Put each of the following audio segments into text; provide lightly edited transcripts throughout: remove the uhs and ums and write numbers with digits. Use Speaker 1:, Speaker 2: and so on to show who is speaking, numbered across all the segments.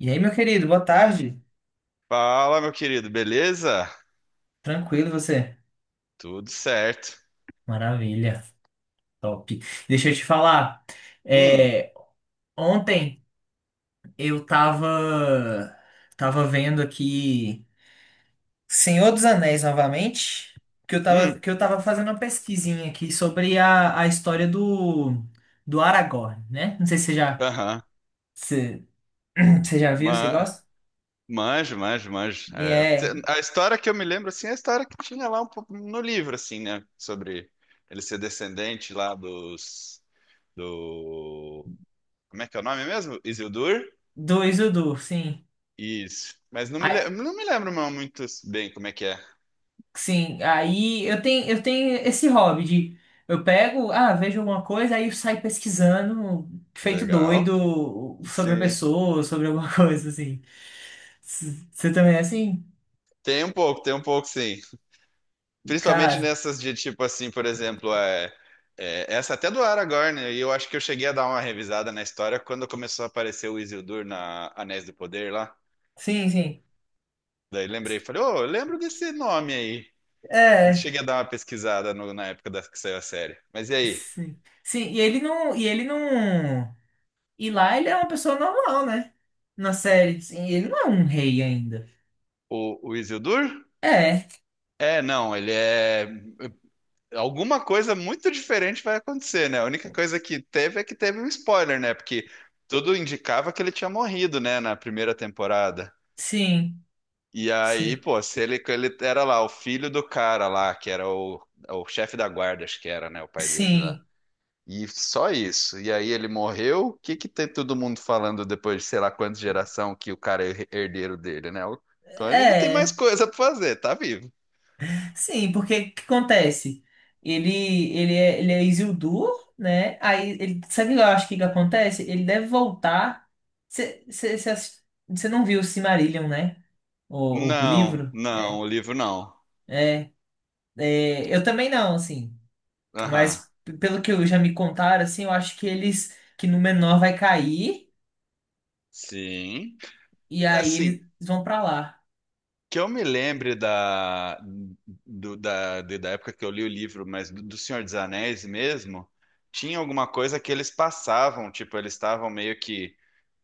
Speaker 1: E aí, meu querido, boa tarde.
Speaker 2: Fala, meu querido, beleza?
Speaker 1: Tranquilo você?
Speaker 2: Tudo certo.
Speaker 1: Maravilha, top. Deixa eu te falar.
Speaker 2: Hum,
Speaker 1: é, Ontem eu tava vendo aqui Senhor dos Anéis novamente, que eu tava
Speaker 2: hum,
Speaker 1: que eu tava fazendo uma pesquisinha aqui sobre a história do Aragorn, né? Não sei se você já
Speaker 2: aham.
Speaker 1: se, você já viu, você
Speaker 2: Ma-
Speaker 1: gosta?
Speaker 2: Manjo, manjo, manjo.
Speaker 1: E
Speaker 2: É,
Speaker 1: é
Speaker 2: a história que eu me lembro, assim, é a história que tinha lá um pouco no livro, assim, né? Sobre ele ser descendente lá dos... Do... Como é que é o nome mesmo? Isildur?
Speaker 1: do Isildur, sim.
Speaker 2: Isso. Mas não me lembro mais muito bem como é que é.
Speaker 1: Sim, aí eu tenho esse hobby de eu pego, vejo alguma coisa, aí eu saio pesquisando, feito
Speaker 2: Legal.
Speaker 1: doido, sobre a
Speaker 2: Sim.
Speaker 1: pessoa, sobre alguma coisa assim. Você também é assim?
Speaker 2: Tem um pouco, sim. Principalmente
Speaker 1: Cara,
Speaker 2: nessas de tipo assim, por exemplo, essa até do Aragorn, né? E eu acho que eu cheguei a dar uma revisada na história quando começou a aparecer o Isildur na Anéis do Poder lá.
Speaker 1: sim, sim.
Speaker 2: Daí lembrei, falei, ô, eu lembro desse nome aí.
Speaker 1: É,
Speaker 2: Cheguei a dar uma pesquisada na época que saiu a série. Mas e aí?
Speaker 1: sim. Sim, e ele não, e ele não. E lá ele é uma pessoa normal, né? Na série, sim, ele não é um rei ainda.
Speaker 2: O Isildur?
Speaker 1: É,
Speaker 2: É, não, ele é. Alguma coisa muito diferente vai acontecer, né? A única coisa que teve é que teve um spoiler, né? Porque tudo indicava que ele tinha morrido, né, na primeira temporada.
Speaker 1: sim,
Speaker 2: E aí,
Speaker 1: sim,
Speaker 2: pô, se ele, ele era lá, o filho do cara lá, que era é o chefe da guarda, acho que era, né, o pai dele lá.
Speaker 1: sim.
Speaker 2: E só isso. E aí ele morreu. O que que tem todo mundo falando depois de sei lá quantas geração que o cara é herdeiro dele, né? Então ele ainda tem mais
Speaker 1: É.
Speaker 2: coisa pra fazer, tá vivo.
Speaker 1: Sim, porque o que acontece? Ele, ele é Isildur, né? Aí ele, sabe o que eu acho que acontece? Ele deve voltar. Você não viu o Silmarillion, né? O
Speaker 2: Não,
Speaker 1: livro?
Speaker 2: não,
Speaker 1: É.
Speaker 2: o livro não.
Speaker 1: É, eu também não, assim.
Speaker 2: Aham.
Speaker 1: Mas pelo que eu já me contaram, assim, eu acho que eles que Númenor vai cair
Speaker 2: Sim.
Speaker 1: e aí
Speaker 2: Assim,
Speaker 1: eles vão pra lá.
Speaker 2: que eu me lembre da, do- da, de- da época que eu li o livro, mas do Senhor dos Anéis mesmo, tinha alguma coisa que eles passavam, tipo, eles estavam meio que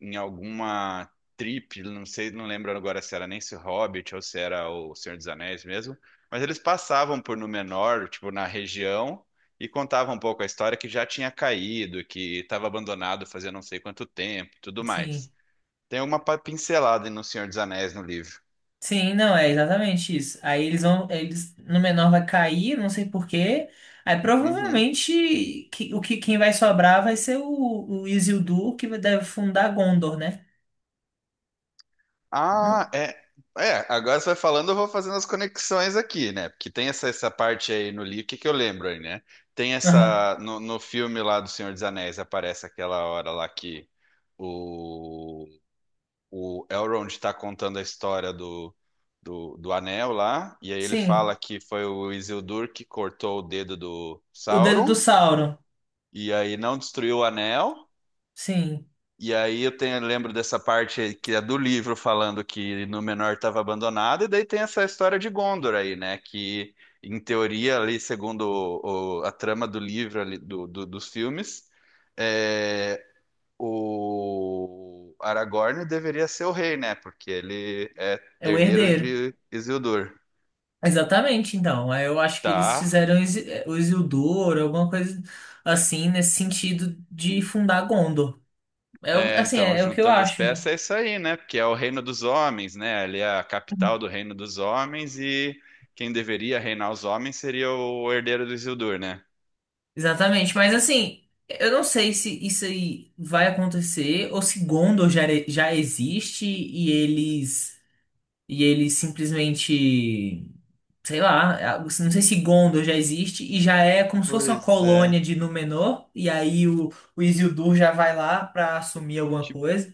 Speaker 2: em alguma trip, não sei, não lembro agora se era nem se o Hobbit ou se era o Senhor dos Anéis mesmo, mas eles passavam por Númenor, tipo, na região, e contavam um pouco a história que já tinha caído, que estava abandonado fazia não sei quanto tempo, tudo
Speaker 1: Sim.
Speaker 2: mais. Tem uma pincelada no Senhor dos Anéis no livro.
Speaker 1: Sim, não, é exatamente isso. Aí eles vão, eles no menor vai cair, não sei por quê. Aí
Speaker 2: Uhum.
Speaker 1: provavelmente o quem vai sobrar vai ser o Isildur que deve fundar Gondor, né?
Speaker 2: Ah,
Speaker 1: Hum,
Speaker 2: é. É, agora você vai falando, eu vou fazendo as conexões aqui, né? Porque tem essa parte aí no livro, o que que eu lembro aí, né? Tem
Speaker 1: aham.
Speaker 2: essa. No filme lá do Senhor dos Anéis aparece aquela hora lá que o, o Elrond tá contando a história do anel lá, e aí ele fala
Speaker 1: Sim,
Speaker 2: que foi o Isildur que cortou o dedo do
Speaker 1: o dedo do
Speaker 2: Sauron,
Speaker 1: Sauron.
Speaker 2: e aí não destruiu o anel.
Speaker 1: Sim,
Speaker 2: E aí eu tenho, lembro dessa parte que é do livro falando que Númenor estava abandonado, e daí tem essa história de Gondor aí, né? Que em teoria ali, segundo a trama do livro ali, dos filmes, é, o Aragorn deveria ser o rei, né? Porque ele é
Speaker 1: é o
Speaker 2: herdeiro
Speaker 1: herdeiro.
Speaker 2: de Isildur.
Speaker 1: Exatamente, então. Aí eu acho que eles
Speaker 2: Tá,
Speaker 1: fizeram o Isildur, alguma coisa assim nesse sentido de fundar Gondor. É,
Speaker 2: é,
Speaker 1: assim,
Speaker 2: então,
Speaker 1: é o que eu
Speaker 2: juntando as
Speaker 1: acho,
Speaker 2: peças
Speaker 1: né?
Speaker 2: é isso aí, né? Porque é o reino dos homens, né? Ali é a capital do reino dos homens e quem deveria reinar os homens seria o herdeiro do Isildur, né?
Speaker 1: Exatamente, mas assim, eu não sei se isso aí vai acontecer ou se Gondor já, já existe e eles simplesmente, sei lá, não sei se Gondor já existe e já é como se fosse uma
Speaker 2: Pois é.
Speaker 1: colônia de Númenor e aí o Isildur já vai lá pra assumir alguma
Speaker 2: Tipo,
Speaker 1: coisa.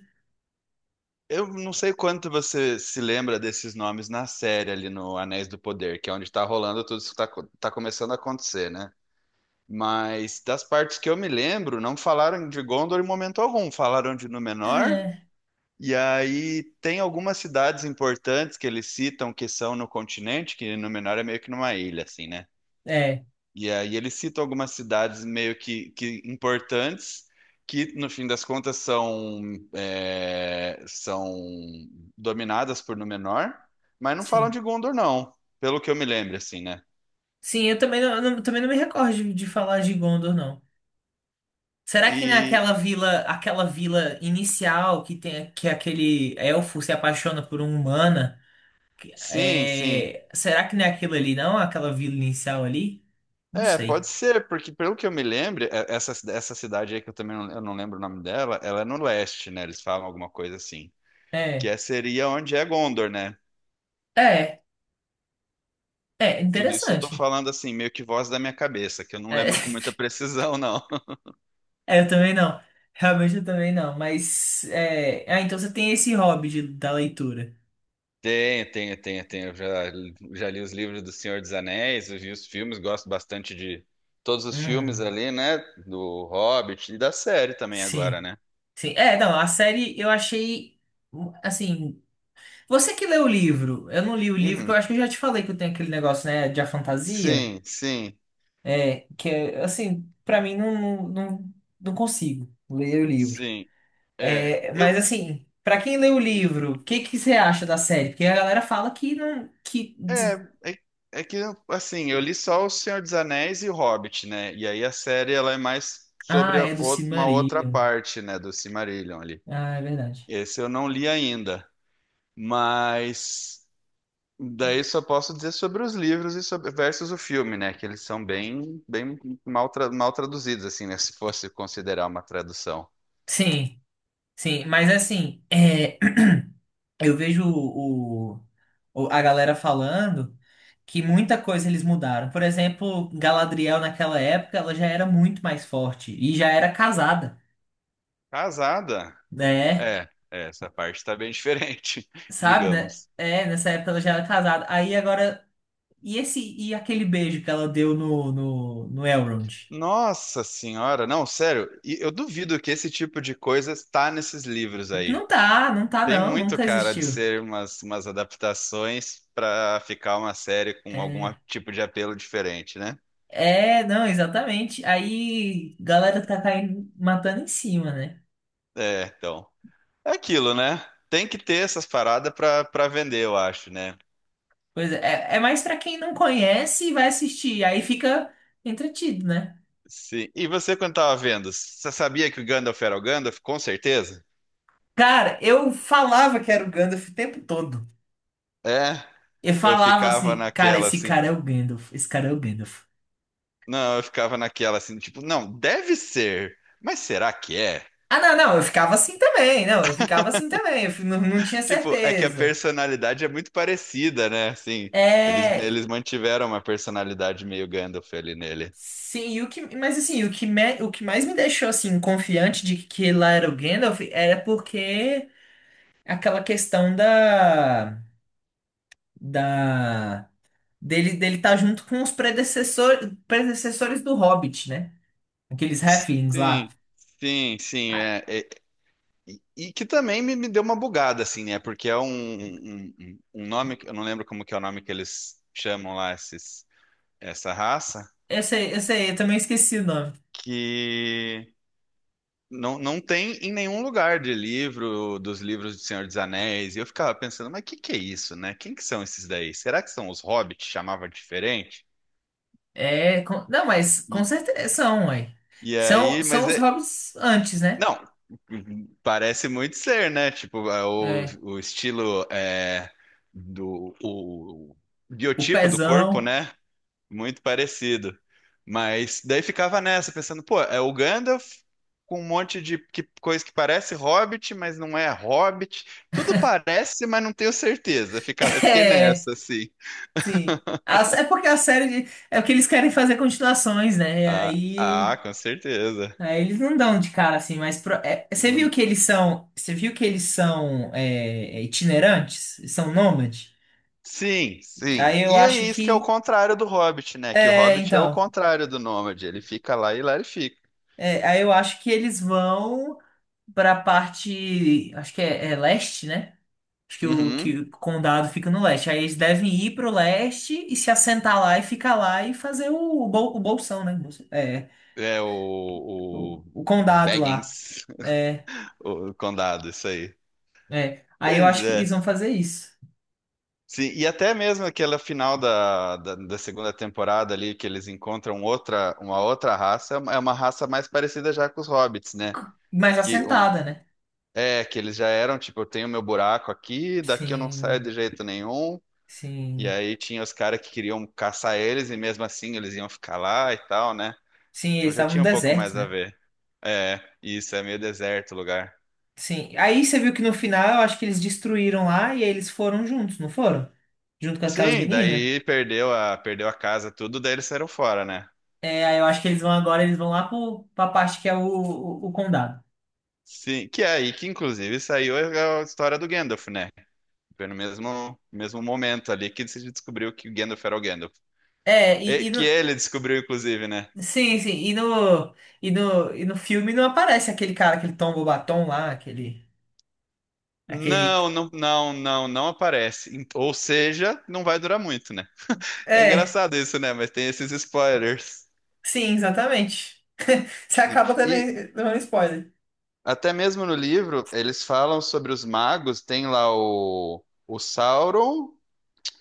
Speaker 2: eu não sei quanto você se lembra desses nomes na série ali no Anéis do Poder, que é onde tá rolando tudo isso que tá, tá começando a acontecer, né? Mas das partes que eu me lembro, não falaram de Gondor em momento algum. Falaram de Númenor.
Speaker 1: É,
Speaker 2: E aí tem algumas cidades importantes que eles citam que são no continente, que Númenor é meio que numa ilha, assim, né?
Speaker 1: é,
Speaker 2: E aí eles citam algumas cidades meio que importantes, que no fim das contas são, é, são dominadas por Númenor, mas não falam
Speaker 1: sim.
Speaker 2: de Gondor, não, pelo que eu me lembro, assim, né?
Speaker 1: Sim, eu também não, eu não- também não me recordo de falar de Gondor, não. Será que
Speaker 2: E
Speaker 1: naquela vila, aquela vila inicial que tem que aquele elfo se apaixona por uma humana,
Speaker 2: sim, sim.
Speaker 1: será que não é aquilo ali, não? Aquela vila inicial ali? Não
Speaker 2: É, pode
Speaker 1: sei.
Speaker 2: ser, porque pelo que eu me lembro, essa, essa cidade aí que eu também não, eu não lembro o nome dela, ela é no leste, né? Eles falam alguma coisa assim, que
Speaker 1: É,
Speaker 2: seria onde é Gondor, né?
Speaker 1: é, é
Speaker 2: Tudo isso eu tô
Speaker 1: interessante.
Speaker 2: falando assim, meio que voz da minha cabeça, que eu não
Speaker 1: É,
Speaker 2: lembro com muita precisão, não.
Speaker 1: é, eu também não. Realmente eu também não. Mas então você tem esse hobby da leitura.
Speaker 2: Tenho, tenho, tenho, tenho. Eu já, já li os livros do Senhor dos Anéis, eu vi os filmes, gosto bastante de todos os filmes
Speaker 1: Uhum.
Speaker 2: ali, né? Do Hobbit e da série também agora,
Speaker 1: Sim,
Speaker 2: né?
Speaker 1: sim. É, não, a série eu achei assim. Você que leu o livro, eu não li o livro, que eu
Speaker 2: Uhum.
Speaker 1: acho que eu já te falei que eu tenho aquele negócio, né, de a fantasia,
Speaker 2: Sim, sim,
Speaker 1: que é, assim, pra mim não, não, não, não consigo ler o livro.
Speaker 2: sim. É,
Speaker 1: É, mas
Speaker 2: eu,
Speaker 1: assim, pra quem lê o livro, o que que você acha da série? Porque a galera fala que não,
Speaker 2: é, é, é que, assim, eu li só O Senhor dos Anéis e o Hobbit, né? E aí a série, ela é mais sobre a
Speaker 1: é do
Speaker 2: uma outra
Speaker 1: Silmarillion.
Speaker 2: parte, né, do Silmarillion ali.
Speaker 1: Ah, é verdade.
Speaker 2: Esse eu não li ainda, mas daí só posso dizer sobre os livros e sobre versus o filme, né? Que eles são bem, bem mal, mal traduzidos, assim, né? Se fosse considerar uma tradução.
Speaker 1: Sim, sim, mas assim, eu vejo a galera falando que muita coisa eles mudaram. Por exemplo, Galadriel naquela época, ela já era muito mais forte e já era casada,
Speaker 2: Casada?
Speaker 1: né?
Speaker 2: É, é, essa parte tá bem diferente,
Speaker 1: Sabe, né?
Speaker 2: digamos.
Speaker 1: É, nessa época ela já era casada. Aí agora, e esse e aquele beijo que ela deu no Elrond?
Speaker 2: Nossa senhora, não, sério, e eu duvido que esse tipo de coisa está nesses livros aí.
Speaker 1: Não tá, não tá
Speaker 2: Tem
Speaker 1: não,
Speaker 2: muito
Speaker 1: nunca
Speaker 2: cara de
Speaker 1: existiu.
Speaker 2: ser umas, umas adaptações para ficar uma série com algum
Speaker 1: É,
Speaker 2: tipo de apelo diferente, né?
Speaker 1: não, exatamente. Aí galera tá caindo, matando em cima, né?
Speaker 2: É, então. É aquilo, né? Tem que ter essas paradas para para vender, eu acho, né?
Speaker 1: Pois é, é mais pra quem não conhece e vai assistir. Aí fica entretido, né?
Speaker 2: Sim. E você, quando tava vendo, você sabia que o Gandalf era o Gandalf? Com certeza.
Speaker 1: Cara, eu falava que era o Gandalf o tempo todo.
Speaker 2: É,
Speaker 1: Eu
Speaker 2: eu
Speaker 1: falava
Speaker 2: ficava
Speaker 1: assim, cara,
Speaker 2: naquela
Speaker 1: esse
Speaker 2: assim.
Speaker 1: cara é o Gandalf, esse cara é o Gandalf.
Speaker 2: Não, eu ficava naquela assim, tipo, não, deve ser, mas será que é?
Speaker 1: Ah, não, não, eu ficava assim também, não, eu ficava assim também, não, não tinha
Speaker 2: Tipo, é que a
Speaker 1: certeza.
Speaker 2: personalidade é muito parecida, né? Assim,
Speaker 1: É,
Speaker 2: eles mantiveram uma personalidade meio Gandalf ali nele.
Speaker 1: sim, e o que, mas assim, o que, o que mais me deixou assim confiante de que lá era o Gandalf era porque aquela questão da, dele estar junto com os predecessores do Hobbit, né? Aqueles halflings lá.
Speaker 2: Sim, sim, sim. É, e, e que também me deu uma bugada, assim, né? Porque é um nome, eu não lembro como que é o nome que eles chamam lá esses, essa raça,
Speaker 1: Eu sei, eu também esqueci o nome.
Speaker 2: que. Não, não tem em nenhum lugar de livro, dos livros do Senhor dos Anéis. E eu ficava pensando, mas o que que é isso, né? Quem que são esses daí? Será que são os hobbits? Chamava diferente?
Speaker 1: É, não, mas com
Speaker 2: E,
Speaker 1: certeza são, ué.
Speaker 2: e
Speaker 1: São,
Speaker 2: aí,
Speaker 1: são
Speaker 2: mas
Speaker 1: os
Speaker 2: é.
Speaker 1: hobbits antes, né?
Speaker 2: Não, parece muito ser, né? Tipo, é
Speaker 1: É,
Speaker 2: o estilo é, do. O
Speaker 1: o
Speaker 2: biotipo do corpo,
Speaker 1: pezão.
Speaker 2: né? Muito parecido. Mas daí ficava nessa, pensando, pô, é o Gandalf com um monte de que, coisa que parece Hobbit, mas não é Hobbit. Tudo parece, mas não tenho certeza. Fica, eu fiquei
Speaker 1: É,
Speaker 2: nessa, assim.
Speaker 1: sim. É porque a série de- É porque eles querem fazer continuações, né? E
Speaker 2: Ah,
Speaker 1: aí,
Speaker 2: ah, com certeza.
Speaker 1: aí eles não dão de cara assim, mas você viu
Speaker 2: Hum,
Speaker 1: que eles são, você viu que eles são itinerantes, são nômades?
Speaker 2: Sim, sim.
Speaker 1: Aí eu
Speaker 2: E é
Speaker 1: acho
Speaker 2: isso que é o
Speaker 1: que
Speaker 2: contrário do Hobbit, né? Que o
Speaker 1: é,
Speaker 2: Hobbit é o
Speaker 1: então,
Speaker 2: contrário do Nômade. Ele fica lá e lá ele fica.
Speaker 1: aí eu acho que eles vão pra parte, acho que é leste, né? Acho que
Speaker 2: Uhum.
Speaker 1: o condado fica no leste. Aí eles devem ir pro leste e se assentar lá e ficar lá e fazer o bolsão, né? É,
Speaker 2: É
Speaker 1: o,
Speaker 2: o
Speaker 1: o condado lá.
Speaker 2: Baggins,
Speaker 1: É,
Speaker 2: o condado, isso aí.
Speaker 1: Aí eu
Speaker 2: Pois
Speaker 1: acho que eles
Speaker 2: é.
Speaker 1: vão fazer isso.
Speaker 2: Sim, e até mesmo aquela final da segunda temporada ali, que eles encontram outra, uma outra raça, é uma raça mais parecida já com os hobbits, né?
Speaker 1: Mas
Speaker 2: Que um,
Speaker 1: assentada, né?
Speaker 2: é, que eles já eram, tipo, eu tenho meu buraco aqui, daqui eu não saio
Speaker 1: Sim,
Speaker 2: de jeito nenhum. E
Speaker 1: sim.
Speaker 2: aí tinha os caras que queriam caçar eles, e mesmo assim eles iam ficar lá e tal, né?
Speaker 1: Sim, eles
Speaker 2: Então já
Speaker 1: estavam no
Speaker 2: tinha um pouco
Speaker 1: deserto,
Speaker 2: mais a
Speaker 1: né?
Speaker 2: ver. É, isso é meio deserto o lugar.
Speaker 1: Sim. Aí você viu que no final eu acho que eles destruíram lá e aí eles foram juntos, não foram? Junto com aquelas
Speaker 2: Sim,
Speaker 1: meninas?
Speaker 2: daí perdeu a, perdeu a casa, tudo, daí eles saíram fora, né?
Speaker 1: É, aí eu acho que eles vão agora, eles vão lá pra parte que é o condado.
Speaker 2: Sim, que é aí que inclusive saiu a história do Gandalf, né? Foi no mesmo, mesmo momento ali que se descobriu que o Gandalf era o Gandalf.
Speaker 1: É,
Speaker 2: E- que ele descobriu, inclusive, né?
Speaker 1: sim, sim, e no filme não aparece aquele cara, aquele Tom Bobaton lá. Aquele,
Speaker 2: Não, não, não, não, não aparece. Em- ou seja, não vai durar muito, né? É
Speaker 1: é,
Speaker 2: engraçado isso, né? Mas tem esses spoilers.
Speaker 1: sim, exatamente. Você acaba
Speaker 2: E
Speaker 1: dando spoiler.
Speaker 2: até mesmo no livro, eles falam sobre os magos, tem lá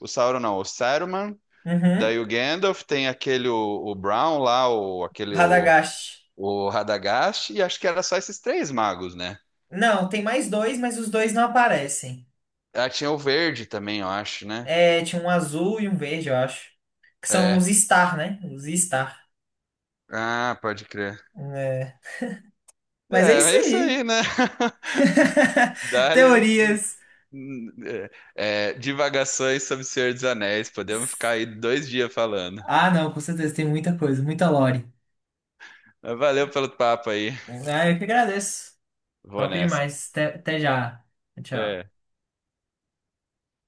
Speaker 2: o Sauron não, o Saruman,
Speaker 1: Uhum,
Speaker 2: daí o Gandalf, tem aquele o Brown lá, o, aquele
Speaker 1: Radagast.
Speaker 2: o Radagast e acho que era só esses 3 magos, né?
Speaker 1: Não, tem mais dois, mas os dois não aparecem.
Speaker 2: Ah, tinha o verde também, eu acho, né?
Speaker 1: É, tinha um azul e um verde, eu acho. Que são os
Speaker 2: É.
Speaker 1: Star, né? Os Star.
Speaker 2: Ah, pode crer.
Speaker 1: É. Mas é
Speaker 2: É,
Speaker 1: isso
Speaker 2: é isso
Speaker 1: aí.
Speaker 2: aí, né? Dálias,
Speaker 1: Teorias.
Speaker 2: é, é, divagações sobre o Senhor dos Anéis. Podemos ficar aí 2 dias falando.
Speaker 1: Ah, não, com certeza, tem muita coisa, muita lore.
Speaker 2: Mas valeu pelo papo aí.
Speaker 1: Ah, eu que agradeço.
Speaker 2: Vou
Speaker 1: Top
Speaker 2: nessa.
Speaker 1: demais. Até já. Tchau.
Speaker 2: É.